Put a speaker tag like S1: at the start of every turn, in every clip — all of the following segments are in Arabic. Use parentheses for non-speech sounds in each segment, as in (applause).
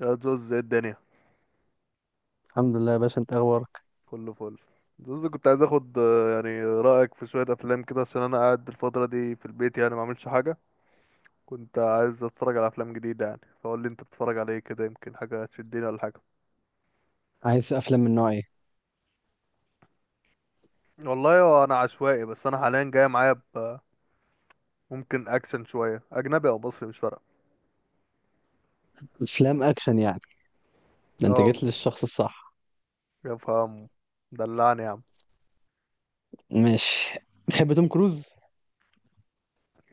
S1: يا زوز، ايه الدنيا؟
S2: الحمد لله يا باشا، انت اخبارك؟
S1: كله فل. زوز كنت عايز اخد يعني رأيك في شوية افلام كده، عشان انا قاعد الفترة دي في البيت يعني ما عملش حاجة. كنت عايز اتفرج على افلام جديدة يعني، فقول لي انت بتتفرج على ايه كده، يمكن حاجة تشدني ولا حاجة.
S2: عايز افلام من نوع ايه؟
S1: والله هو انا عشوائي، بس انا حاليا جاي معايا ب ممكن اكشن شوية، اجنبي او مصري مش فارقة.
S2: افلام اكشن يعني. ده انت
S1: اه،
S2: جيت للشخص الصح.
S1: يا فهم، دلعني يا عم.
S2: ماشي. بتحب توم كروز؟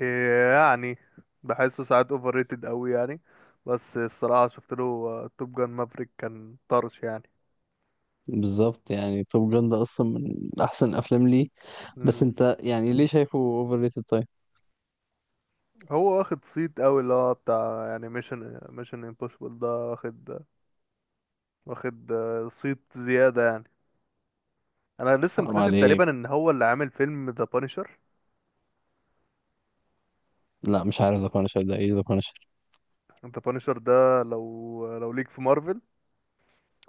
S1: إيه يعني؟ بحسه ساعات اوفر ريتد قوي يعني. بس الصراحة شفت له توب جان مافريك، كان طرش يعني.
S2: بالظبط، يعني توم جان ده اصلا من احسن افلام ليه. بس انت يعني ليه شايفه اوفر ريتد طيب؟
S1: هو واخد صيت قوي، اللي هو بتاع يعني ميشن امبوسيبل ده، واخد صيت زيادة يعني. انا لسه
S2: حرام
S1: مكتشف
S2: عليك.
S1: تقريبا ان هو اللي عامل فيلم ذا بانشر.
S2: لا مش عارف ذا بانشر ده ايه، ذا بانشر.
S1: ذا بانشر ده لو ليك في مارفل.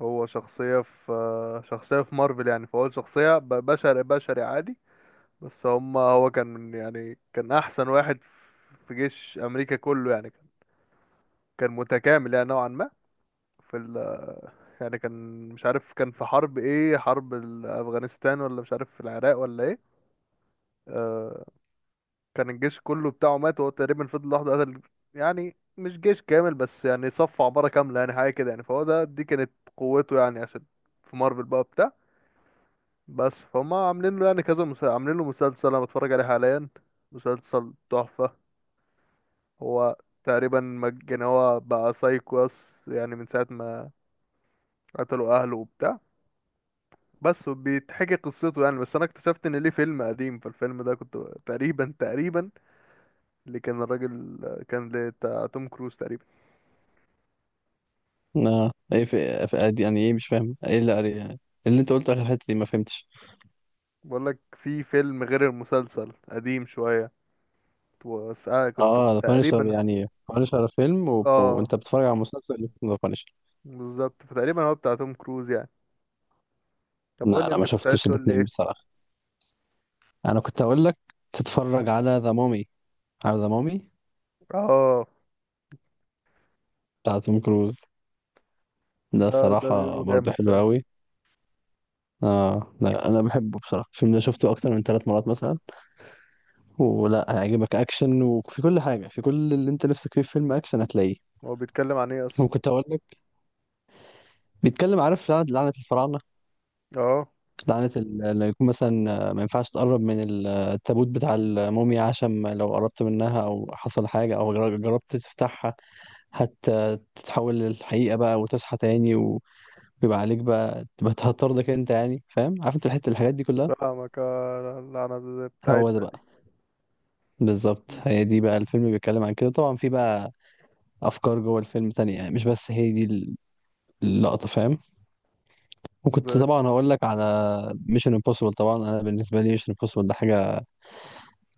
S1: هو شخصية في مارفل يعني، فهو شخصية بشري عادي. بس هو كان يعني كان احسن واحد في جيش امريكا كله يعني. كان، كان متكامل يعني نوعا ما. في ال يعني كان، مش عارف كان في حرب ايه، حرب افغانستان ولا مش عارف في العراق ولا ايه. آه. كان الجيش كله بتاعه مات، وهو تقريبا فضل لوحده قتل. يعني مش جيش كامل، بس يعني صف عبارة كاملة، يعني حاجة كده يعني. فهو ده دي كانت قوته يعني، عشان في مارفل بقى بتاع. بس فهم عاملين له يعني كذا مسلسل، عاملين له مسلسل انا بتفرج عليه حاليا. مسلسل تحفة. هو تقريبا يعني هو بقى سايكواس يعني من ساعة ما قتلوا اهله وبتاع. بس وبيتحكي قصته يعني. بس انا اكتشفت ان ليه فيلم قديم، فالفيلم ده كنت تقريبا اللي كان الراجل، كان ده بتاع توم كروز تقريبا.
S2: لا ايه في ادي يعني، ايه مش فاهم ايه اللي قري يعني. اللي انت قلته اخر حته دي ما فهمتش.
S1: بقول لك، في فيلم غير المسلسل، قديم شوية. بس كنت
S2: اه ذا بانشر
S1: تقريبا.
S2: يعني بانشر فيلم
S1: اه،
S2: وانت بتتفرج على مسلسل اسمه ذا بانشر.
S1: بالظبط، فتقريبا هو بتاع توم كروز يعني. طب قول
S2: لا
S1: لي
S2: انا ما
S1: انت كنت عايز
S2: شفتش
S1: تقول لي
S2: الاثنين
S1: ايه.
S2: بصراحه. انا كنت اقول لك تتفرج على ذا مامي. على ذا مامي
S1: اه.
S2: بتاع توم كروز. ده
S1: ده
S2: الصراحه
S1: بيقولوا
S2: برضه
S1: جامد
S2: حلو
S1: فعلا.
S2: قوي. اه لا انا بحبه بصراحه، الفيلم ده شفته اكتر من ثلاث مرات مثلا. ولا هيعجبك اكشن، وفي كل حاجه، في كل اللي انت نفسك فيه في فيلم اكشن هتلاقيه.
S1: هو بيتكلم عن ايه اصلا؟
S2: وكنت اقول لك بيتكلم، عارف لعنه الفراعنه.
S1: اه،
S2: لعنه اللي يكون مثلا، ما ينفعش تقرب من التابوت بتاع الموميا، عشان لو قربت منها او حصل حاجه او جربت تفتحها. هت- تتحول للحقيقه بقى وتصحى تاني. بيبقى عليك بقى تبقى تهطردك انت، يعني فاهم، عارف انت الحته الحاجات دي كلها.
S1: فاهمك. اللعنة
S2: هو ده
S1: بتاعتنا
S2: بقى. بالظبط هي دي بقى، الفيلم بيتكلم عن كده. طبعا في بقى افكار جوه الفيلم تانية، يعني مش بس هي دي اللقطه، فاهم. وكنت
S1: دي.
S2: طبعا هقول لك على ميشن امبوسيبل. طبعا انا بالنسبه لي ميشن امبوسيبل ده حاجه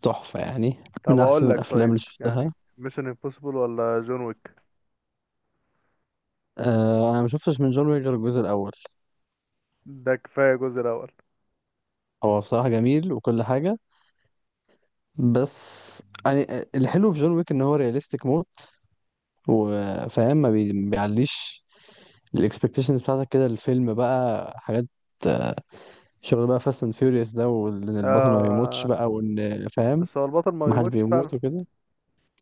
S2: تحفه يعني،
S1: طب
S2: من
S1: اقول
S2: احسن
S1: لك،
S2: الافلام
S1: طيب
S2: اللي
S1: يعني
S2: شفتها.
S1: ميشن امبوسيبل ولا جون ويك؟
S2: آه انا ما شفتش من جون ويك غير الجزء الاول.
S1: ده كفايه الجزء الاول.
S2: هو بصراحه جميل وكل حاجه. بس يعني، الحلو في جون ويك ان هو رياليستيك موت. وفاهم ما بيعليش الاكسبكتيشنز بتاعتك كده، الفيلم بقى حاجات، شغل بقى فاست اند فيوريوس ده، وان البطل ما بيموتش
S1: آه.
S2: بقى، وان فاهم،
S1: بس هو البطل ما
S2: ما حدش
S1: بيموتش فعلا.
S2: بيموت وكده.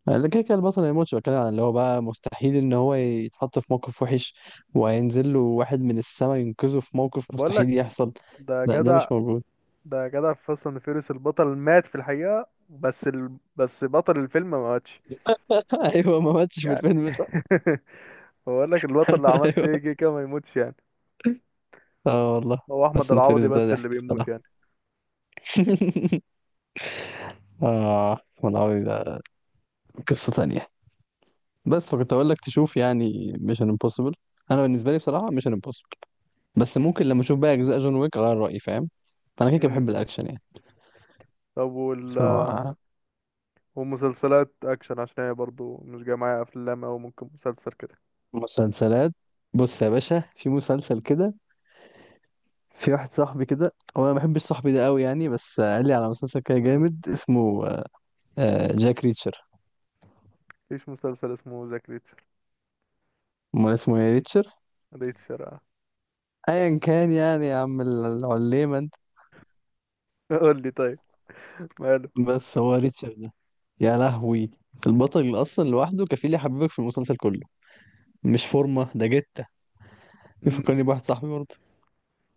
S2: لا كده كده البطل ما يموتش، بتكلم عن اللي هو بقى مستحيل ان هو يتحط في موقف وحش وهينزل له واحد من السما ينقذه في موقف
S1: طب اقول
S2: مستحيل
S1: لك،
S2: يحصل.
S1: ده
S2: لا ده
S1: جدع.
S2: مش موجود.
S1: في فاست اند فيوريوس البطل مات في الحقيقه، بس ال... بس بطل الفيلم ما ماتش
S2: (laughs) ايوه ما ماتش في
S1: يعني.
S2: الفيلم صح.
S1: (laughs) بقول لك البطل اللي
S2: (laughs)
S1: عملت
S2: ايوه.
S1: ايه كده كده ما يموتش يعني.
S2: اه والله.
S1: هو احمد
S2: فاست اند فيوريوس
S1: العوضي
S2: ده
S1: بس اللي
S2: ضحك
S1: بيموت
S2: الصراحه.
S1: يعني.
S2: (laughs) اه والله ده قصه تانية. بس فكنت اقول لك تشوف يعني ميشن امبوسيبل. انا بالنسبه لي بصراحه ميشن امبوسيبل. بس ممكن لما اشوف بقى اجزاء جون ويك اغير رايي، فاهم. فانا كده كده بحب
S1: امم
S2: الاكشن يعني.
S1: طب وال ومسلسلات اكشن، عشان هي برضو مش جايه معايا افلام، او ممكن مسلسل كده.
S2: فمسلسلات. بص يا باشا، في مسلسل كده. في واحد صاحبي كده، هو انا ما بحبش صاحبي ده قوي يعني، بس قال لي على مسلسل كده
S1: مم.
S2: جامد اسمه جاك ريتشر.
S1: مفيش مسلسل اسمه ذا.
S2: امال اسمه ايه، ريتشر؟
S1: ريتشر، اه.
S2: ايا كان يعني، يا عم العليمه انت.
S1: (laughs) قول لي طيب، ماله.
S2: بس هو ريتشر ده، يا لهوي. البطل اصلا لوحده كفيل يحببك في المسلسل كله. مش فورمة ده جتة.
S1: امم
S2: يفكرني بواحد صاحبي برضه،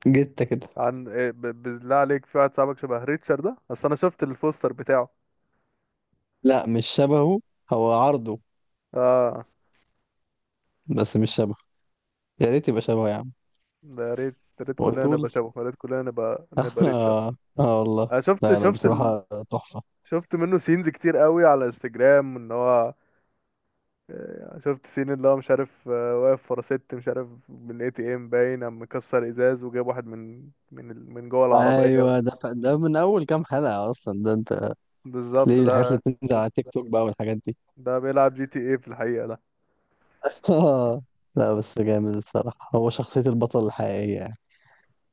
S2: جتة كده.
S1: عن إيه؟ بالله عليك، في واحد صاحبك شبه ريتشر ده؟ اصل انا شفت البوستر بتاعه.
S2: لا مش شبهه، هو عرضه
S1: اه.
S2: بس مش شبهه. يا ريت يبقى شبهه يا عم.
S1: ده يا ريت، يا ريت كلنا
S2: ويتول.
S1: نبقى شبه، يا ريت كلنا نبقى
S2: (laughs)
S1: نبقى ريتشر.
S2: اه آه والله.
S1: انا
S2: لا لا بصراحة تحفة.
S1: شفت منه سينز كتير قوي على انستجرام، ان هو شفت سين اللي هو مش عارف، واقف ورا ست مش عارف من اي تي ام باين، قام مكسر ازاز وجاب واحد من جوه العربيه.
S2: ايوه ده من اول كام حلقة اصلا ده انت.
S1: بالظبط
S2: ليه الحاجات اللي
S1: ده.
S2: بتنزل على تيك توك بقى والحاجات دي.
S1: ده بيلعب جي تي اي في الحقيقه.
S2: (laughs) آه. لا بس جامد الصراحة، هو شخصية البطل الحقيقية يعني.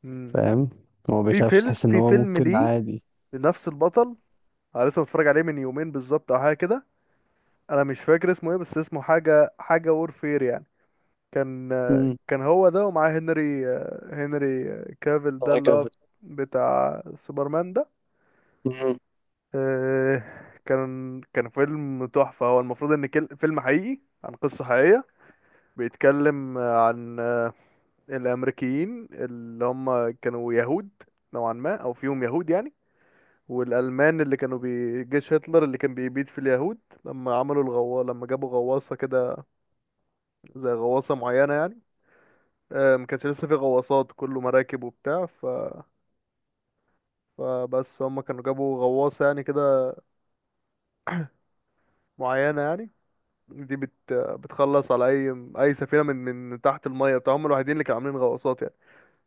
S1: ده
S2: فاهم. هو ما
S1: في
S2: بيخافش،
S1: فيلم،
S2: تحس ان هو ممكن
S1: ليه
S2: عادي.
S1: لنفس البطل. انا لسه متفرج عليه من يومين بالظبط او حاجه كده. انا مش فاكر اسمه ايه، بس اسمه حاجه حاجه وورفير يعني. كان
S2: امم.
S1: كان هو ده ومعاه هنري كافيل ده
S2: الله
S1: اللي هو
S2: يكفي.
S1: بتاع سوبرمان ده.
S2: مم.
S1: آه، كان فيلم تحفه. هو المفروض ان فيلم حقيقي عن قصه حقيقيه. بيتكلم عن الامريكيين اللي هم كانوا يهود نوعا ما، او فيهم يهود يعني، والألمان اللي كانوا جيش هتلر اللي كان بيبيد في اليهود. لما عملوا الغوا، لما جابوا غواصة كده، زي غواصة معينة يعني. ما كانش لسه في غواصات، كله مراكب وبتاع ف... فبس هم كانوا جابوا غواصة يعني كده، معينة يعني. دي بتخلص على أي أي سفينة من تحت المية بتاع، هم الوحيدين اللي كانوا عاملين غواصات يعني.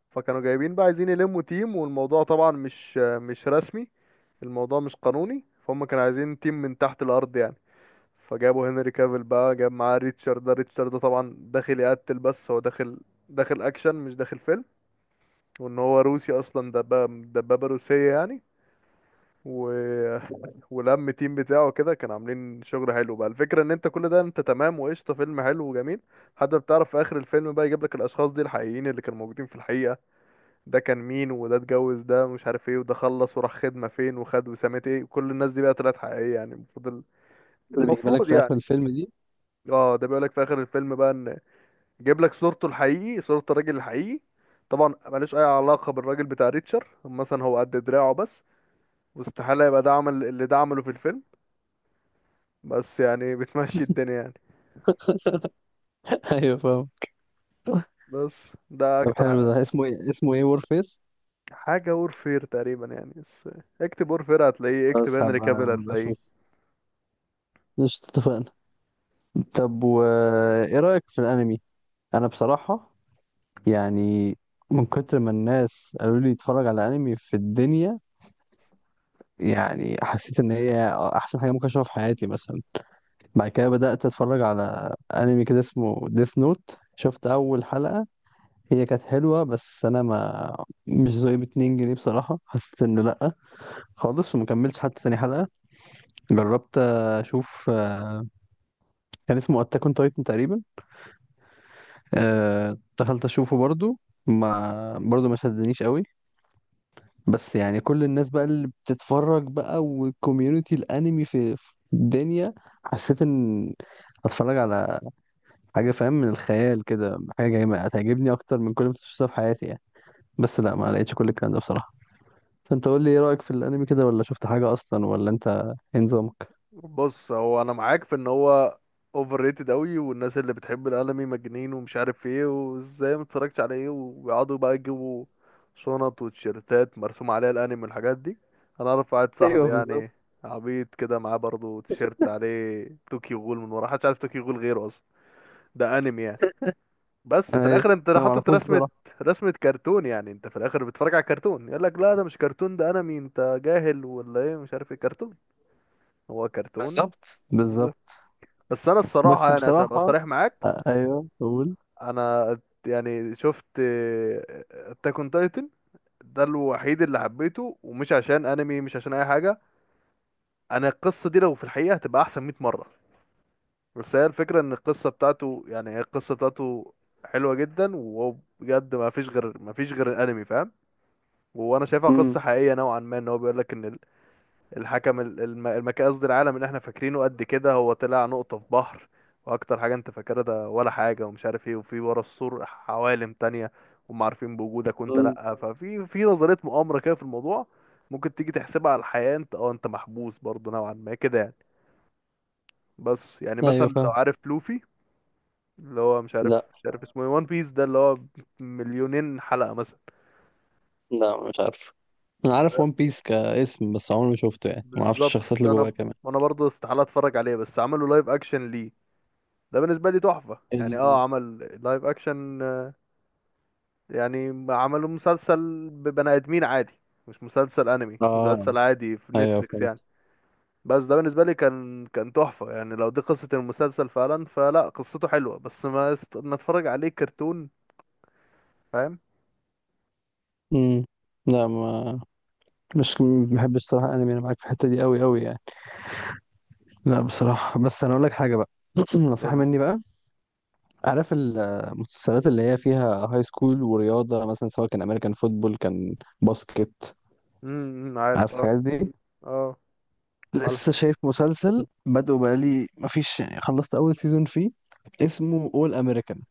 S1: فكانوا جايبين بقى، عايزين يلموا تيم، والموضوع طبعا مش رسمي. الموضوع مش قانوني، فهم كانوا عايزين تيم من تحت الأرض يعني. فجابوا هنري كافيل بقى، جاب معاه ريتشارد ده، ريتشارد ده طبعا داخل يقتل، بس هو داخل، داخل اكشن مش داخل فيلم. وان هو روسي اصلا، دبابة روسية يعني. و... (laughs) ولم تيم بتاعه كده، كان عاملين شغل حلو بقى. الفكرة ان انت كل ده انت تمام وقشطة، فيلم حلو وجميل. حتى بتعرف في اخر الفيلم بقى يجيب لك الاشخاص دي الحقيقيين اللي كانوا موجودين في الحقيقة. ده كان مين، وده اتجوز، ده مش عارف ايه، وده خلص وراح خدمة فين وخد وسامة ايه. كل الناس دي بقى طلعت حقيقية يعني المفروض.
S2: اللي بيجيبها لك
S1: المفروض
S2: في اخر
S1: يعني.
S2: الفيلم دي؟
S1: اه، ده بيقولك في اخر الفيلم بقى ان جايب لك صورته الحقيقي، صورة الراجل الحقيقي. طبعا ملوش اي علاقة بالراجل بتاع ريتشر مثلا، هو قد دراعه بس. واستحالة يبقى ده عمل اللي ده عمله في الفيلم. بس يعني (laughs) بتمشي الدنيا يعني.
S2: (laughs) ايوه فاهم. (laughs)
S1: بس ده
S2: طب
S1: اكتر
S2: حلو، ده اسمه ايه، اسمه ايه وورفير؟
S1: حاجة وورفير تقريبا يعني. بس اكتب وورفير هتلاقيه، اكتب
S2: خلاص
S1: هنري
S2: هبقى،
S1: كافيل
S2: هبقى
S1: هتلاقيه.
S2: اشوف، مش اتفقنا. طب و، ايه رأيك في الانمي؟ انا بصراحة يعني، من كتر ما الناس قالوا لي اتفرج على انمي في الدنيا، يعني حسيت ان هي احسن حاجة ممكن اشوفها في حياتي مثلا. بعد كده بدأت اتفرج على انمي كده اسمه ديث نوت، شفت اول حلقة، هي كانت حلوة بس انا ما، مش زي ب 2 جنيه بصراحة، حسيت انه لأ خالص ومكملتش حتى تاني حلقة. جربت اشوف، كان اسمه اتاك اون تايتن تقريبا، أه دخلت اشوفه برضو، ما برضو ما شدنيش قوي. بس يعني كل الناس بقى اللي بتتفرج بقى، والكوميونتي الانمي في الدنيا، حسيت ان اتفرج على حاجه فاهم، من الخيال كده، حاجه جايه هتعجبني اكتر من كل ما شفتها في حياتي يعني. بس لا ما لقيتش كل الكلام ده بصراحه. فانت قول لي، ايه رايك في الانمي كده، ولا شفت حاجه اصلا، ولا انت إيه نظامك؟
S1: بص هو انا معاك في ان هو اوفر ريتد قوي، والناس اللي بتحب الانمي مجانين ومش عارف ايه، وازاي ما اتفرجتش على ايه، ويقعدوا بقى يجيبوا شنط وتيشيرتات مرسوم عليها الانمي والحاجات دي. انا اعرف واحد
S2: (laughs)
S1: صاحبي
S2: ايوه بالظبط.
S1: يعني عبيط كده، معاه برضه تيشيرت عليه توكيو غول، من ورا محدش عارف توكيو غول غيره اصلا. ده انمي يعني،
S2: (laughs)
S1: بس في
S2: ايوه
S1: الاخر انت
S2: انا ما
S1: حاطط
S2: اعرفوش
S1: رسمة،
S2: بصراحه.
S1: رسمة كرتون يعني. انت في الاخر بتتفرج على كرتون، يقول لك لا ده مش كرتون، ده انمي، انت جاهل ولا ايه مش عارف ايه. كرتون هو كرتون.
S2: بالظبط بالظبط.
S1: بس انا الصراحه
S2: بس
S1: يعني عشان ابقى
S2: بصراحة،
S1: صريح معاك،
S2: أيوه قول.
S1: انا يعني شفت اتاك اون تايتن، ده الوحيد اللي حبيته، ومش عشان انمي مش عشان اي حاجه. انا القصه دي لو في الحقيقه هتبقى احسن 100 مره. بس هي الفكره ان القصه بتاعته يعني هي القصه بتاعته حلوه جدا. وهو بجد ما فيش غير الانمي فاهم. وانا شايفها
S2: امم.
S1: قصه حقيقيه نوعا ما، ان هو بيقول لك ان الحكم المكان، قصدي العالم اللي احنا فاكرينه قد كده هو طلع نقطة في بحر. واكتر حاجة انت فاكرها ده ولا حاجة ومش عارف ايه، وفي ورا السور عوالم تانية، هم عارفين بوجودك وانت
S2: امم.
S1: لأ. ففي نظرية مؤامرة كده في الموضوع. ممكن تيجي تحسبها على الحياة، انت انت محبوس برضه نوعا ما كده يعني. بس يعني مثلا
S2: ايوه
S1: لو
S2: فاهم.
S1: عارف لوفي، اللي هو
S2: لا
S1: مش عارف اسمه ايه، وان بيس ده اللي هو مليونين حلقة مثلا.
S2: لا مش عارف. انا عارف
S1: ده
S2: ون بيس كاسم، بس عمري ما شفته، يعني ما اعرفش
S1: بالظبط.
S2: الشخصيات اللي جواه
S1: انا
S2: كمان.
S1: انا برضه استحالة اتفرج عليه. بس عملوا لايف اكشن ليه، ده بالنسبة لي تحفة يعني.
S2: ال...
S1: اه، عمل لايف اكشن، يعني عملوا مسلسل ببني ادمين عادي، مش مسلسل انمي،
S2: اه
S1: مسلسل عادي في
S2: ايوه
S1: نتفليكس يعني.
S2: فهمت.
S1: بس ده بالنسبة لي كان تحفة يعني، لو دي قصة المسلسل فعلا فلا، قصته حلوة. بس ما اتفرج عليه كرتون، فاهم.
S2: امم. لا، ما مش ما بحبش صراحة انمي، انا معاك في الحتة دي قوي قوي يعني. لا بصراحة، بس أنا أقول لك حاجة بقى. (clears throat)
S1: قول
S2: نصيحة
S1: لي.
S2: مني بقى. عارف المسلسلات اللي هي فيها هاي سكول ورياضة، مثلا سواء كان أمريكان فوتبول، كان باسكت.
S1: امم،
S2: عارف
S1: عارف، اه.
S2: الحاجات دي.
S1: اه، مالها.
S2: لسه شايف مسلسل بدأه بقالي مفيش، يعني خلصت أول سيزون فيه، اسمه أول أمريكان.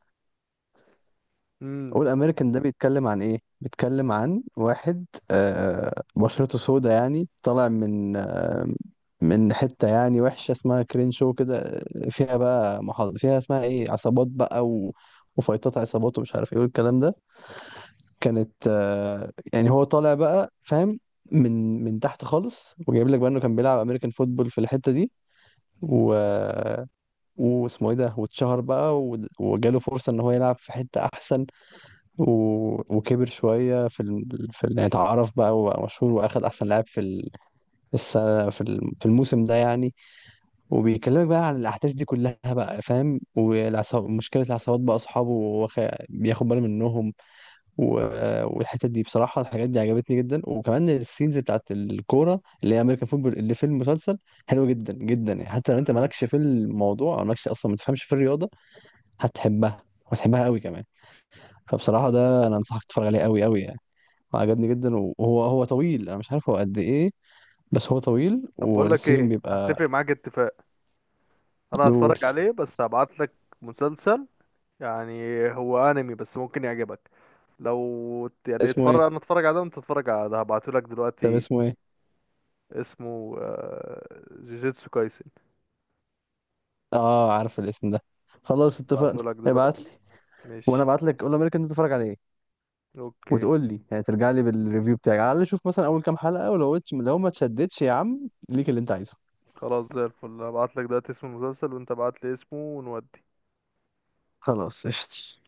S1: امم.
S2: أول أمريكان ده بيتكلم عن إيه؟ بيتكلم عن واحد، بشرته سودا، يعني طالع من، من حتة يعني وحشة اسمها كرينشو كده، فيها بقى محاضرة فيها اسمها إيه، عصابات بقى وفايتات عصابات ومش عارف إيه والكلام ده. كانت، يعني هو طالع بقى فاهم، من تحت خالص، وجايب لك بقى إنه كان بيلعب أمريكان فوتبول في الحتة دي. و، واسمه ايه ده، واتشهر بقى وجاله فرصة ان هو يلعب في حتة احسن. و... وكبر شوية اتعرف بقى وبقى مشهور، واخد احسن لاعب في السنة في الموسم ده يعني. وبيكلمك بقى عن الاحداث دي كلها بقى فاهم، والعصاب، مشكلة العصابات بقى اصحابه بياخد باله منهم. و... والحتة دي بصراحة الحاجات دي عجبتني جدا، وكمان السينز بتاعت الكورة اللي هي امريكان فوتبول اللي في المسلسل حلوة جدا جدا يعني، حتى لو انت
S1: أمم.
S2: مالكش في الموضوع او مالكش اصلا ما تفهمش في الرياضة هتحبها، وهتحبها قوي كمان. فبصراحة ده أنا أنصحك تتفرج عليه قوي قوي يعني، وعجبني جدا. وهو طويل، أنا مش عارف هو قد إيه، بس هو طويل
S1: طب بقول لك
S2: والسيزون
S1: ايه،
S2: بيبقى
S1: هتفق معاك اتفاق، انا
S2: دول.
S1: هتفرج عليه بس هبعت لك مسلسل يعني، هو انمي بس ممكن يعجبك. لو يعني
S2: اسمه إيه؟
S1: اتفرج، انا اتفرج على ده، وانت تتفرج على ده. هبعتهولك
S2: طب
S1: دلوقتي.
S2: اسمه إيه؟
S1: اسمه جوجيتسو كايسن.
S2: آه عارف الاسم ده. خلاص اتفقنا،
S1: هبعتهولك
S2: ابعت لي.
S1: دلوقتي.
S2: وأنا
S1: ماشي.
S2: ابعت لك أول أمريكا أنت تتفرج عليه،
S1: اوكي.
S2: وتقول لي يعني، ترجع لي بالريفيو بتاعك، على الأقل شوف مثلا أول كام حلقة، ولو لو ما تشدتش يا عم ليك اللي أنت عايزه.
S1: خلاص زي الفل، هبعتلك دلوقتي اسم المسلسل، وانت ابعتلي اسمه ونودي.
S2: خلاص قشطة.